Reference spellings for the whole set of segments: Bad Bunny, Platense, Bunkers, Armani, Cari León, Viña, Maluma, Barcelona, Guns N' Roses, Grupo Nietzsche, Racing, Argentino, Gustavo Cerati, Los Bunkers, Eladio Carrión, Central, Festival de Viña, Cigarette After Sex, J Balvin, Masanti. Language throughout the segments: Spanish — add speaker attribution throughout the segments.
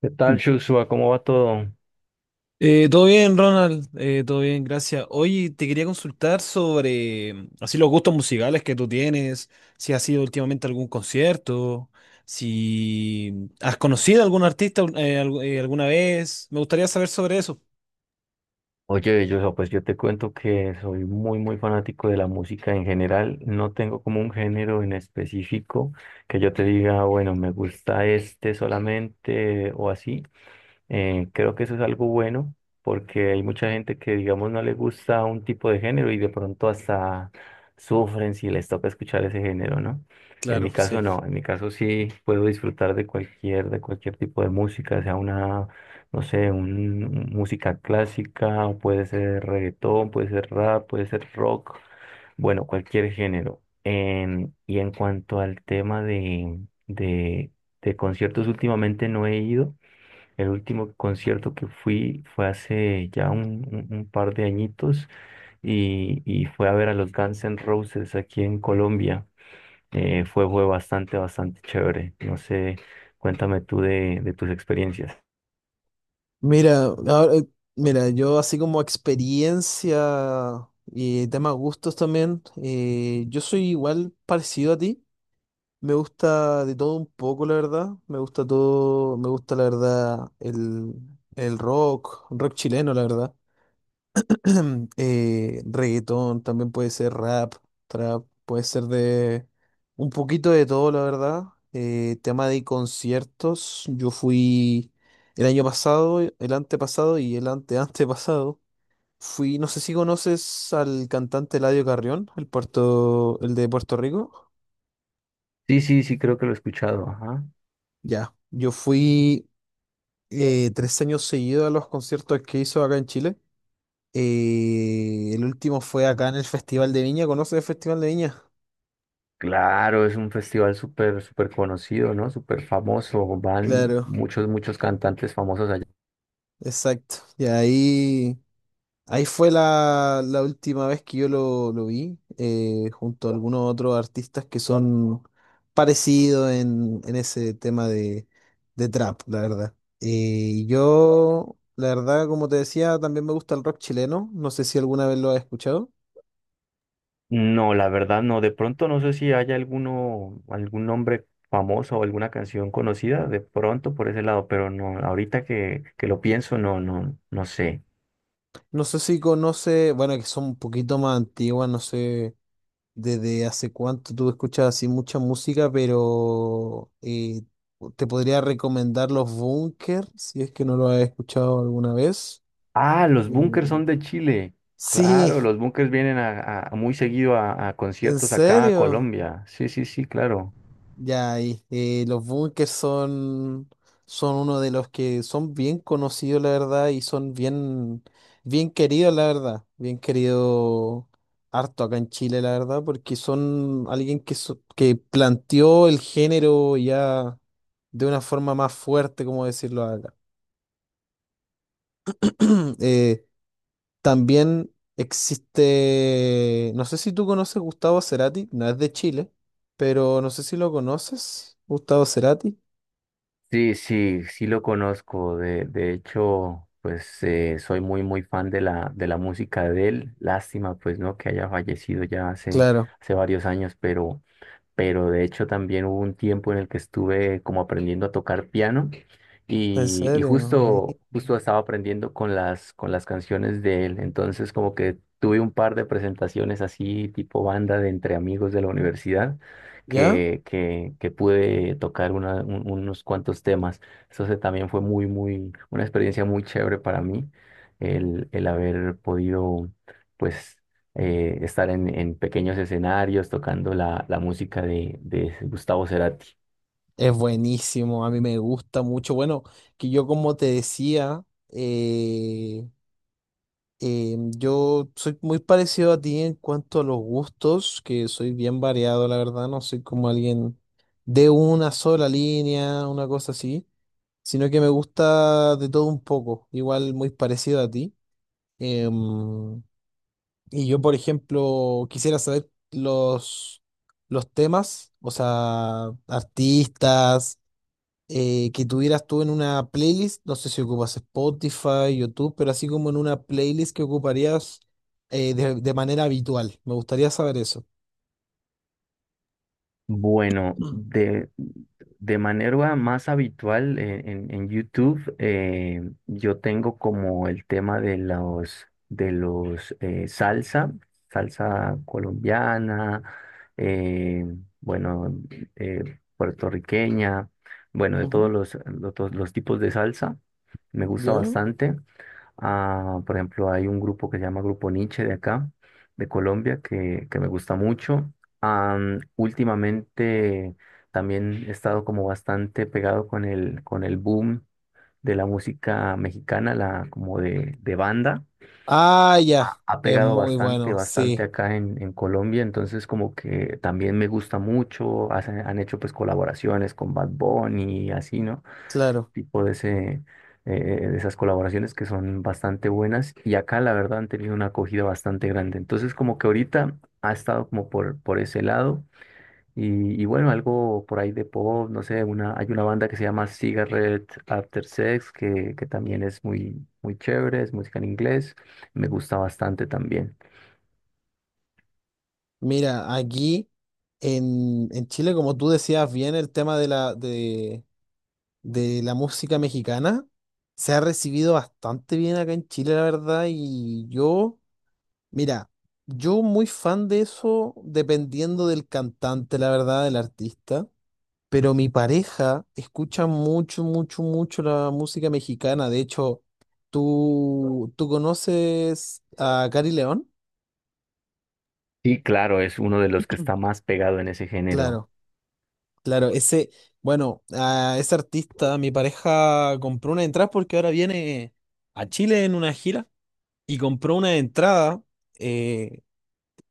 Speaker 1: ¿Qué
Speaker 2: Mm.
Speaker 1: tal, Joshua? ¿Cómo va todo?
Speaker 2: Todo bien, Ronald. Todo bien, gracias. Oye, te quería consultar sobre así los gustos musicales que tú tienes, si has ido últimamente a algún concierto, si has conocido a algún artista alguna vez. Me gustaría saber sobre eso.
Speaker 1: Oye, Joshua, pues yo te cuento que soy muy, muy fanático de la música en general. No tengo como un género en específico que yo te diga, "Ah, bueno, me gusta este solamente o así." Creo que eso es algo bueno porque hay mucha gente que, digamos, no le gusta un tipo de género y de pronto hasta sufren si les toca escuchar ese género, ¿no? En mi
Speaker 2: Claro, sí.
Speaker 1: caso no, en mi caso sí puedo disfrutar de cualquier tipo de música, sea una, no sé, música clásica, o puede ser reggaetón, puede ser rap, puede ser rock, bueno, cualquier género. Y en cuanto al tema de, de conciertos, últimamente no he ido. El último concierto que fui fue hace ya un par de añitos y fue a ver a los Guns N' Roses aquí en Colombia. Fue bastante, bastante chévere. No sé, cuéntame tú de tus experiencias.
Speaker 2: Mira, ahora- eh, mira, yo así como experiencia y tema gustos también, yo soy igual parecido a ti. Me gusta de todo un poco, la verdad. Me gusta todo, me gusta la verdad el rock, rock chileno, la verdad. Reggaetón, también puede ser rap, trap, puede ser de un poquito de todo, la verdad. Tema de conciertos, yo fui el año pasado, el antepasado y el ante anteantepasado. Fui, no sé si conoces al cantante Eladio Carrión, el de Puerto Rico.
Speaker 1: Sí, sí, sí, creo que lo he escuchado. Ajá.
Speaker 2: Ya, yo fui 3 años seguidos a los conciertos que hizo acá en Chile. El último fue acá en el Festival de Viña. ¿Conoces el Festival de Viña?
Speaker 1: Claro, es un festival súper, súper conocido, ¿no? Súper famoso. Van
Speaker 2: Claro,
Speaker 1: muchos, muchos cantantes famosos.
Speaker 2: exacto. Ahí fue la última vez que lo vi, junto a algunos otros artistas que son parecidos en ese tema de trap, la verdad. Yo, la verdad, como te decía, también me gusta el rock chileno. No sé si alguna vez lo has escuchado.
Speaker 1: No, la verdad no. De pronto no sé si hay alguno, algún nombre famoso o alguna canción conocida, de pronto por ese lado, pero no, ahorita que lo pienso, no, no, no sé.
Speaker 2: No sé si conoce, bueno, que son un poquito más antiguas, no sé desde hace cuánto tú escuchas así mucha música, pero te podría recomendar los Bunkers, si es que no lo has escuchado alguna vez.
Speaker 1: Ah, los
Speaker 2: Eh,
Speaker 1: Bunkers son de Chile.
Speaker 2: sí,
Speaker 1: Claro, los Bunkers vienen muy seguido a
Speaker 2: en
Speaker 1: conciertos acá a
Speaker 2: serio.
Speaker 1: Colombia. Sí, sí, sí, claro.
Speaker 2: Ya, y los bunkers son uno de los que son bien conocidos, la verdad, y son bien, bien queridos, la verdad. Bien querido harto acá en Chile, la verdad, porque son alguien que planteó el género ya de una forma más fuerte, como decirlo acá. Eh, También existe, no sé si tú conoces Gustavo Cerati, no es de Chile, pero no sé si lo conoces, Gustavo Cerati.
Speaker 1: Sí, sí, sí lo conozco. De hecho, pues soy muy, muy fan de la música de él. Lástima, pues, ¿no? Que haya fallecido ya hace,
Speaker 2: Claro.
Speaker 1: hace varios años, pero de hecho también hubo un tiempo en el que estuve como aprendiendo a tocar piano
Speaker 2: En
Speaker 1: y
Speaker 2: serio, mi-
Speaker 1: justo, justo estaba aprendiendo con con las canciones de él, entonces como que tuve un par de presentaciones así tipo banda de entre amigos de la universidad
Speaker 2: ¿ya?
Speaker 1: que pude tocar unos cuantos temas, entonces también fue muy, muy, una experiencia muy chévere para mí el haber podido... pues estar en pequeños escenarios tocando la música de Gustavo Cerati.
Speaker 2: Es buenísimo, a mí me gusta mucho. Bueno, que yo como te decía, eh, yo soy muy parecido a ti en cuanto a los gustos, que soy bien variado, la verdad, no soy como alguien de una sola línea, una cosa así, sino que me gusta de todo un poco, igual muy parecido a ti. Em, Y yo, por ejemplo, quisiera saber los temas, o sea, artistas, que tuvieras tú en una playlist, no sé si ocupas Spotify, YouTube, pero así como en una playlist que ocuparías de manera habitual. Me gustaría saber eso.
Speaker 1: Bueno,
Speaker 2: Mm.
Speaker 1: de manera más habitual en, en YouTube, yo tengo como el tema de los salsa, salsa colombiana, eh, bueno, puertorriqueña, bueno, de
Speaker 2: Ujú.
Speaker 1: de todos los tipos de salsa, me gusta
Speaker 2: ¿Ya?
Speaker 1: bastante. Ah, por ejemplo, hay un grupo que se llama Grupo Nietzsche de acá, de Colombia, que me gusta mucho. Últimamente también he estado como bastante pegado con con el boom de la música mexicana, la, como de banda.
Speaker 2: Ah, ya,
Speaker 1: Ha
Speaker 2: es
Speaker 1: pegado
Speaker 2: muy
Speaker 1: bastante,
Speaker 2: bueno,
Speaker 1: bastante
Speaker 2: sí,
Speaker 1: acá en Colombia, entonces como que también me gusta mucho. Han hecho pues colaboraciones con Bad Bunny y así, ¿no?
Speaker 2: claro.
Speaker 1: tipo de, ese, eh, de esas colaboraciones que son bastante buenas y acá la verdad han tenido una acogida bastante grande. Entonces como que ahorita ha estado como por ese lado y bueno, algo por ahí de pop, no sé, una, hay una banda que se llama Cigarette After Sex que también es muy, muy chévere, es música en inglés, me gusta bastante también.
Speaker 2: Mira, aquí en Chile, como tú decías bien, el tema de de la música mexicana. Se ha recibido bastante bien acá en Chile, la verdad, y yo, mira, yo muy fan de eso, dependiendo del cantante, la verdad, del artista, pero mi pareja escucha mucho, mucho, mucho la música mexicana. De hecho, tú conoces a Cari León?
Speaker 1: Y claro, es uno de los que está más pegado en ese género.
Speaker 2: Claro, claro, ese, bueno, a ese artista, mi pareja compró una entrada porque ahora viene a Chile en una gira. Y compró una entrada, eh,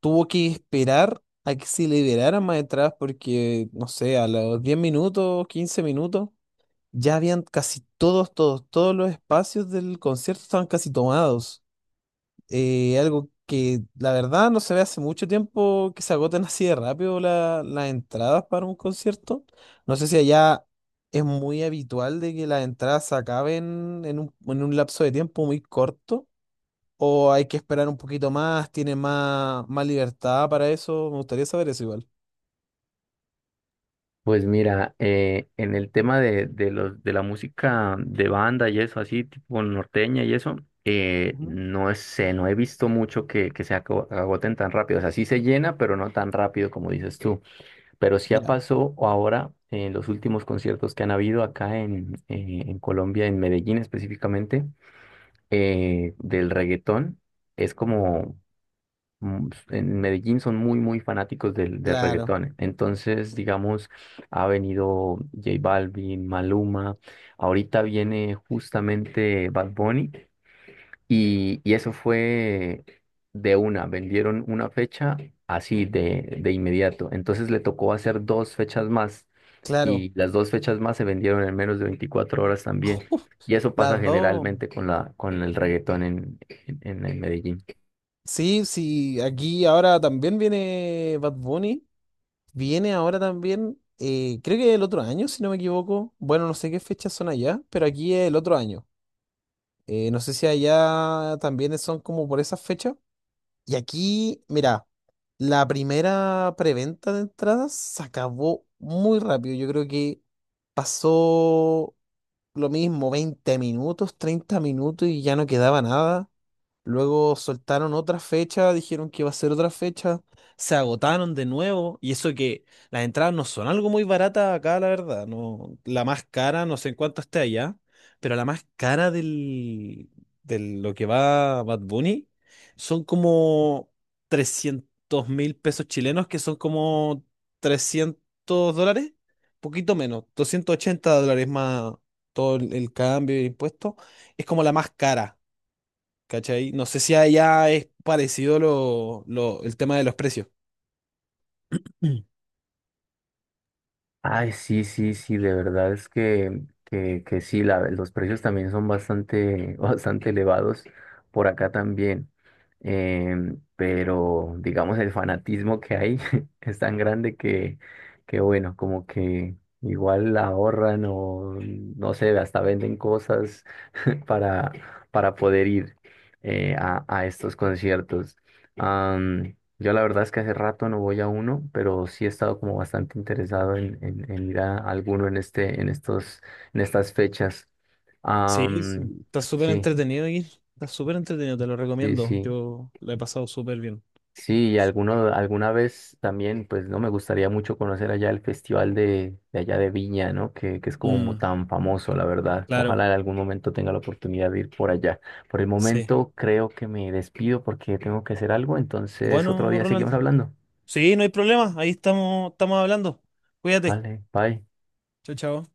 Speaker 2: tuvo que esperar a que se liberaran más entradas porque, no sé, a los 10 minutos, 15 minutos, ya habían casi todos, todos, todos los espacios del concierto estaban casi tomados. Algo que la verdad no se ve hace mucho tiempo que se agoten así de rápido la- las entradas para un concierto. No sé si allá es muy habitual de que las entradas se acaben en un lapso de tiempo muy corto. ¿O hay que esperar un poquito más? ¿Tiene más, más libertad para eso? Me gustaría saber eso igual.
Speaker 1: Pues mira, en el tema de la música de banda y eso, así tipo norteña y eso,
Speaker 2: Ujú.
Speaker 1: no sé, no he visto mucho que se agoten tan rápido. O sea, sí se llena, pero no tan rápido como dices tú. Pero sí ha
Speaker 2: Ya,
Speaker 1: pasado ahora en los últimos conciertos que han habido acá en Colombia, en Medellín específicamente, del reggaetón. Es como en Medellín son muy, muy fanáticos del, del
Speaker 2: claro,
Speaker 1: reggaetón. Entonces, digamos, ha venido J Balvin, Maluma, ahorita viene justamente Bad Bunny y eso fue de una, vendieron una fecha así de inmediato. Entonces le tocó hacer dos fechas más
Speaker 2: claro.
Speaker 1: y las dos fechas más se vendieron en menos de 24 horas también.
Speaker 2: Uf,
Speaker 1: Y eso pasa
Speaker 2: las dos.
Speaker 1: generalmente con la, con el reggaetón en en Medellín.
Speaker 2: Sí, sí, aquí ahora también viene Bad Bunny. Viene ahora también, creo que el otro año, si no me equivoco. Bueno, no sé qué fechas son allá, pero aquí es el otro año. No sé si allá también son como por esas fechas. Y aquí, mira, la primera preventa de entradas se acabó muy rápido. Yo creo que pasó lo mismo, 20 minutos, 30 minutos y ya no quedaba nada. Luego soltaron otra fecha, dijeron que iba a ser otra fecha, se agotaron de nuevo, y eso que las entradas no son algo muy baratas acá, la verdad, no, la más cara, no sé en cuánto esté allá, pero la más cara de lo que va Bad Bunny son como 300.000 pesos chilenos, que son como 300 dólares, poquito menos, 280 dólares más todo el cambio de impuestos, es como la más cara. ¿Cachai? No sé si allá es parecido el tema de los precios. Mm.
Speaker 1: Ay, sí, sí, sí, de verdad es que sí, la- los precios también son bastante, bastante elevados por acá también. Pero digamos el fanatismo que hay es tan grande que bueno, como que igual la ahorran o no sé, hasta venden cosas para, para poder ir a estos conciertos. Yo la verdad es que hace rato no voy a uno, pero sí he estado como bastante interesado en, en ir a alguno en este, en estos, en estas fechas.
Speaker 2: Sí,
Speaker 1: Am,
Speaker 2: está súper
Speaker 1: sí,
Speaker 2: entretenido aquí. Está súper entretenido, te lo
Speaker 1: sí,
Speaker 2: recomiendo.
Speaker 1: sí.
Speaker 2: Yo lo he pasado súper bien.
Speaker 1: Sí, y alguno, alguna vez también, pues no me gustaría mucho conocer allá el festival de allá de Viña, ¿no? Que es como
Speaker 2: Mm,
Speaker 1: tan famoso, la verdad.
Speaker 2: claro,
Speaker 1: Ojalá en algún momento tenga la oportunidad de ir por allá. Por el
Speaker 2: sí.
Speaker 1: momento creo que me despido porque tengo que hacer algo, entonces otro
Speaker 2: Bueno,
Speaker 1: día
Speaker 2: Ronald.
Speaker 1: seguimos hablando.
Speaker 2: Sí, no hay problema. Ahí estamos, estamos hablando. Cuídate.
Speaker 1: Vale, bye.
Speaker 2: Chao, chao.